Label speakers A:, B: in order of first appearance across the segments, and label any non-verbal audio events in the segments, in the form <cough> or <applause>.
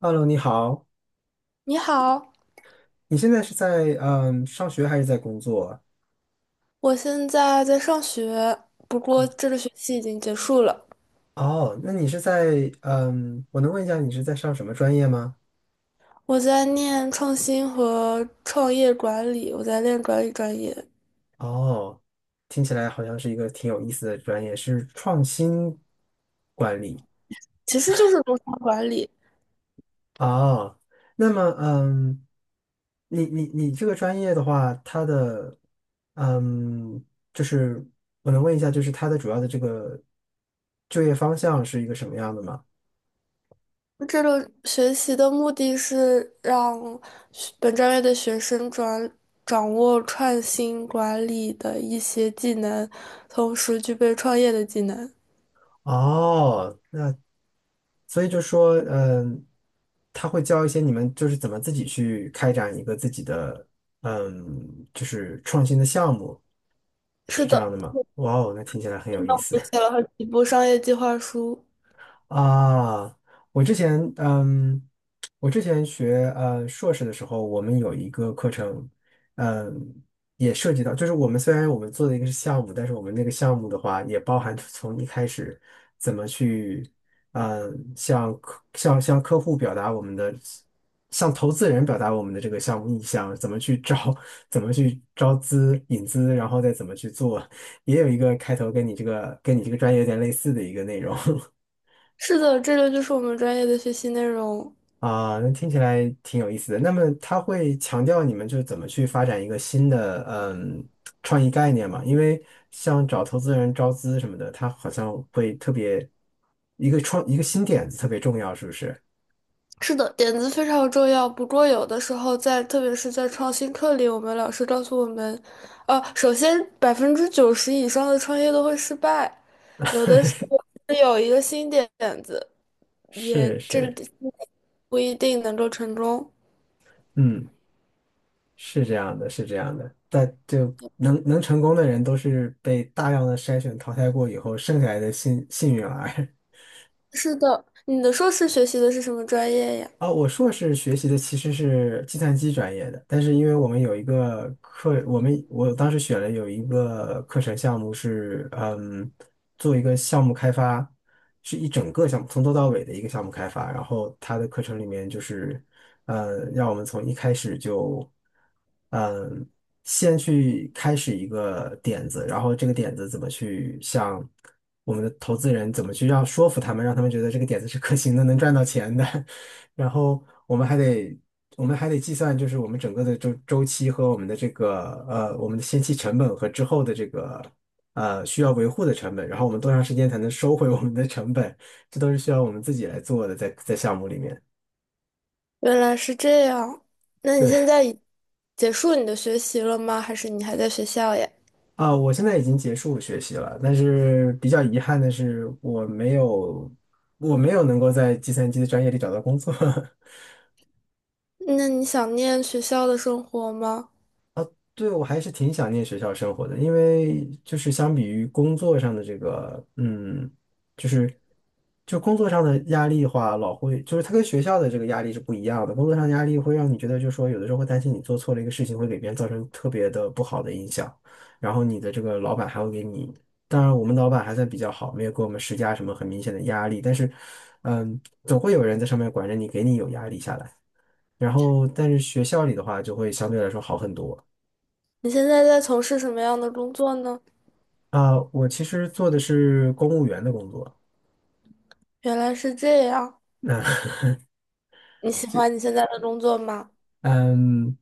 A: Hello，你好，
B: 你好，
A: 你现在是在上学还是在工作？
B: 我现在在上学，不过这个学期已经结束了。
A: 哦，那你是在我能问一下你是在上什么专业吗？
B: 我在念创新和创业管理，我在练管理专业，
A: 哦，听起来好像是一个挺有意思的专业，是创新管理。
B: 其实就是工商管理。
A: 哦，那么你这个专业的话，它的嗯，就是我能问一下，就是它的主要的这个就业方向是一个什么样的吗？
B: 这个学习的目的是让学本专业的学生转掌握创新管理的一些技能，同时具备创业的技能。
A: 哦。所以就说，他会教一些你们就是怎么自己去开展一个自己的，就是创新的项目，
B: 是
A: 是这样
B: 的，
A: 的吗？哇哦，那听起来很有意思。
B: 我写了好几部商业计划书。
A: 啊，我之前嗯，我之前学硕士的时候，我们有一个课程，嗯，也涉及到，就是我们虽然我们做的一个是项目，但是我们那个项目的话，也包含从一开始怎么去，向客户表达我们的，向投资人表达我们的这个项目意向，怎么去招资引资，然后再怎么去做，<laughs> 也有一个开头跟你这个专业有点类似的一个内容。<laughs>
B: 是的，这个就是我们专业的学习内容。
A: 啊，那听起来挺有意思的。那么他会强调你们就是怎么去发展一个新的创意概念嘛？因为像找投资人招资什么的，他好像会特别一个新点子特别重要，是不是？
B: 是的，点子非常重要。不过，有的时候在，特别是在创新课里，我们老师告诉我们，首先90%以上的创业都会失败，有的时候是有一个新点子，也
A: 是
B: 这
A: 是，
B: 不一定能够成功。
A: 嗯，是这样的，是这样的。但就能成功的人都是被大量的筛选淘汰过以后剩下来的幸运儿。<laughs>
B: 是的，你的硕士学习的是什么专业呀？
A: 啊，我硕士学习的其实是计算机专业的，但是因为我们有一个课，我当时选了有一个课程项目是，做一个项目开发，是一整个项目从头到尾的一个项目开发。然后他的课程里面就是，让我们从一开始就，嗯，先去开始一个点子，然后这个点子怎么去向我们的投资人怎么去让说服他们，让他们觉得这个点子是可行的，能赚到钱的。然后我们还得计算，就是我们整个的周期和我们的这个我们的先期成本和之后的这个需要维护的成本，然后我们多长时间才能收回我们的成本，这都是需要我们自己来做的，在项目里面。
B: 原来是这样。那你
A: 对
B: 现在已结束你的学习了吗？还是你还在学校呀？
A: 啊，我现在已经结束学习了，但是比较遗憾的是，我没有能够在计算机的专业里找到工作。<laughs>
B: 那你想念学校的生活吗？
A: 对，我还是挺想念学校生活的，因为就是相比于工作上的这个，就是就工作上的压力的话，老会就是它跟学校的这个压力是不一样的。工作上的压力会让你觉得，就是说有的时候会担心你做错了一个事情，会给别人造成特别的不好的影响，然后你的这个老板还会给你，当然我们老板还算比较好，没有给我们施加什么很明显的压力，但是，总会有人在上面管着你，给你有压力下来。然后，但是学校里的话就会相对来说好很多。
B: 你现在在从事什么样的工作呢？
A: 啊，我其实做的是公务员的工作。
B: 原来是这样，
A: 那 <laughs>
B: 你喜欢你现在的工作吗？
A: 嗯，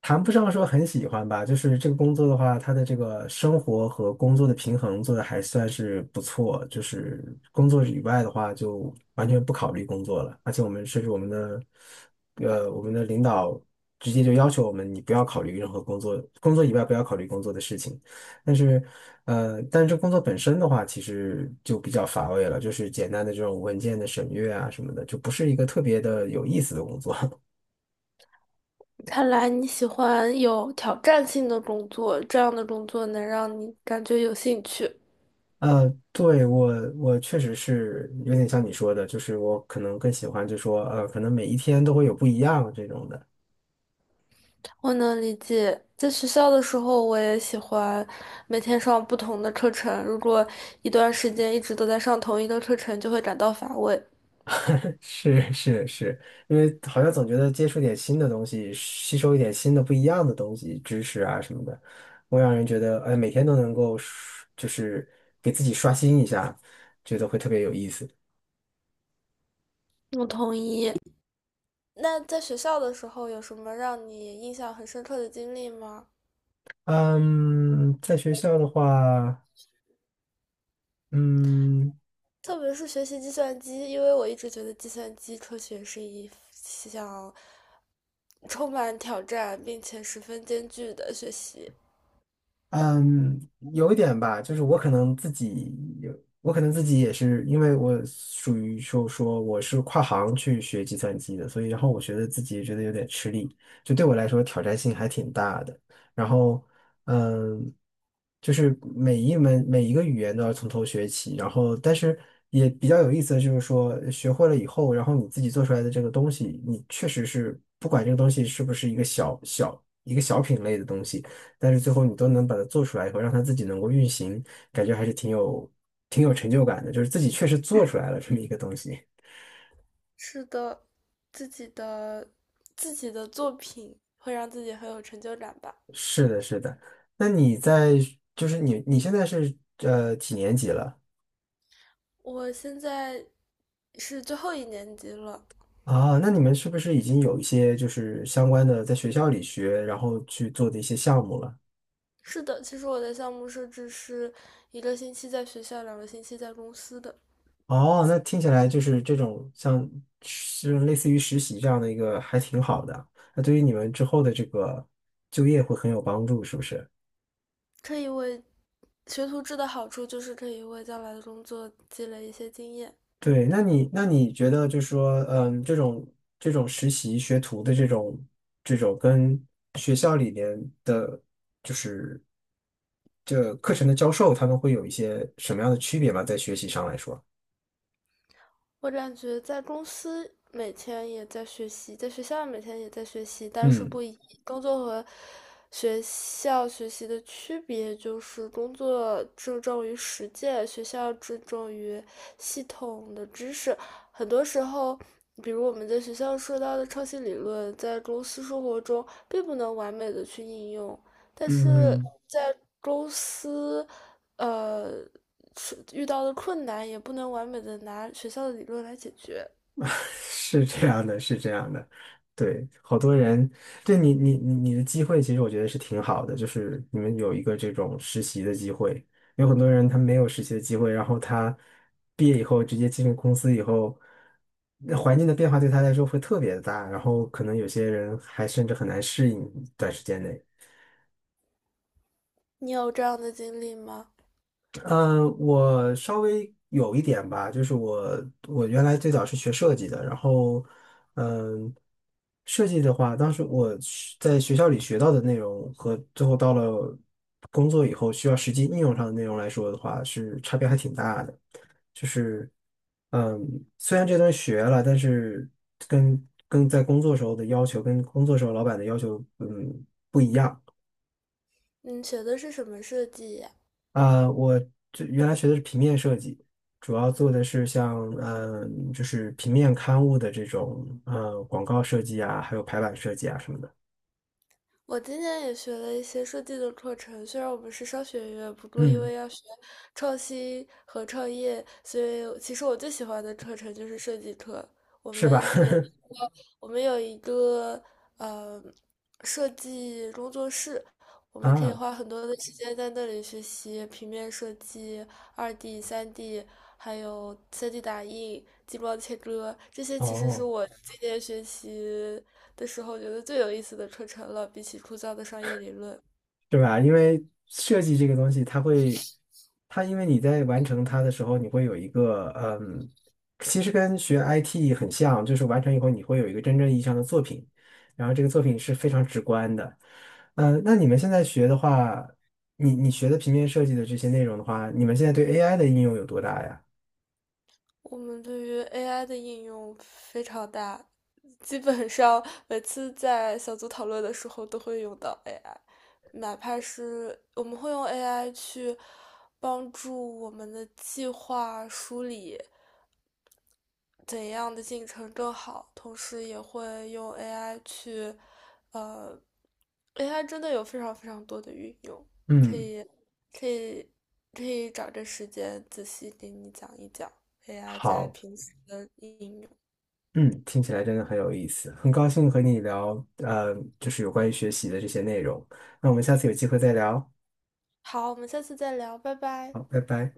A: 谈不上说很喜欢吧，就是这个工作的话，它的这个生活和工作的平衡做的还算是不错。就是工作以外的话，就完全不考虑工作了。而且我们甚至我们的，呃，我们的领导直接就要求我们，你不要考虑任何工作，工作以外不要考虑工作的事情。但是，但是这工作本身的话，其实就比较乏味了，就是简单的这种文件的审阅啊什么的，就不是一个特别的有意思的工作。<laughs>
B: 看来你喜欢有挑战性的工作，这样的工作能让你感觉有兴趣。
A: 对，我确实是有点像你说的，就是我可能更喜欢就说，可能每一天都会有不一样这种的。
B: 我能理解，在学校的时候，我也喜欢每天上不同的课程。如果一段时间一直都在上同一个课程，就会感到乏味。
A: <laughs> 是是是，因为好像总觉得接触点新的东西，吸收一点新的不一样的东西、知识啊什么的，会让人觉得，哎，每天都能够刷就是给自己刷新一下，觉得会特别有意思。
B: 我同意。那在学校的时候，有什么让你印象很深刻的经历吗？
A: 嗯，在学校的话，嗯。
B: 特别是学习计算机，因为我一直觉得计算机科学是一项充满挑战并且十分艰巨的学习。
A: 嗯，有一点吧，就是有，我可能自己也是，因为我属于说我是跨行去学计算机的，所以然后我觉得自己也觉得有点吃力，就对我来说挑战性还挺大的。然后，嗯，就是每一门每一个语言都要从头学起，然后但是也比较有意思的就是说学会了以后，然后你自己做出来的这个东西，你确实是不管这个东西是不是一个小品类的东西。但是最后你都能把它做出来以后，让它自己能够运行，感觉还是挺有成就感的，就是自己确实做出来了这么一个东西。
B: 是的，自己的自己的作品会让自己很有成就感吧。
A: 是的，是的。那你在就是你现在是几年级了
B: 我现在是最后一年级了。
A: 啊？那你们是不是已经有一些就是相关的在学校里学，然后去做的一些项目了？
B: 是的，其实我的项目设置是一个星期在学校，两个星期在公司的。
A: 哦，那听起来就是这种像是类似于实习这样的一个还挺好的，那对于你们之后的这个就业会很有帮助，是不是？
B: 可以为学徒制的好处就是可以为将来的工作积累一些经验。
A: 对，那你觉得就是说，这种实习学徒的这种跟学校里面的，就是这课程的教授，他们会有一些什么样的区别吗？在学习上来说，
B: 我感觉在公司每天也在学习，在学校每天也在学习，但是
A: 嗯。
B: 不一，工作和学校学习的区别就是工作注重于实践，学校注重于系统的知识。很多时候，比如我们在学校说到的创新理论，在公司生活中并不能完美的去应用。但是
A: 嗯。
B: 在公司，呃，是遇到的困难也不能完美的拿学校的理论来解决。
A: <laughs> 是这样的，是这样的，对，好多人，对你的机会，其实我觉得是挺好的，就是你们有一个这种实习的机会，有很多人他没有实习的机会，然后他毕业以后直接进入公司以后，那环境的变化对他来说会特别的大，然后可能有些人还甚至很难适应短时间内。
B: 你有这样的经历吗？
A: 嗯，我稍微有一点吧，就是我原来最早是学设计的，然后嗯，设计的话，当时我是在学校里学到的内容和最后到了工作以后需要实际应用上的内容来说的话，是差别还挺大的。就是嗯，虽然这东西学了，但是跟在工作时候的要求，跟工作时候老板的要求，嗯，
B: 你学的是什么设计呀？
A: 呃，我这原来学的是平面设计，主要做的是像就是平面刊物的这种广告设计啊，还有排版设计啊什么的。
B: 我今年也学了一些设计的课程，虽然我们是商学院，不过因
A: 嗯，
B: 为要学创新和创业，所以其实我最喜欢的课程就是设计课。我
A: 是吧？
B: 们有一个，我们有一个，呃，设计工作室，我
A: <laughs>
B: 们可以
A: 啊，
B: 花很多的时间在那里学习平面设计、2D、三 D，还有三 D 打印、激光切割，这些其实是
A: 哦。
B: 我今年学习的时候觉得最有意思的课程了，比起枯燥的商业理论。
A: 对吧？因为设计这个东西，它因为你在完成它的时候，你会有一个，其实跟学 IT 很像，就是完成以后你会有一个真正意义上的作品，然后这个作品是非常直观的。那你们现在学的话，你学的平面设计的这些内容的话，你们现在对 AI 的应用有多大呀？
B: 我们对于 AI 的应用非常大，基本上每次在小组讨论的时候都会用到 AI，哪怕是我们会用 AI 去帮助我们的计划梳理。怎样的进程更好，同时也会用 AI 去，呃，AI 真的有非常非常多的运用，可
A: 嗯，
B: 以可以可以找个时间仔细给你讲一讲 AI 在
A: 好，
B: 平时的应用。
A: 嗯，听起来真的很有意思，很高兴和你聊，就是有关于学习的这些内容。那我们下次有机会再聊，
B: 好，我们下次再聊，拜拜。
A: 好，拜拜。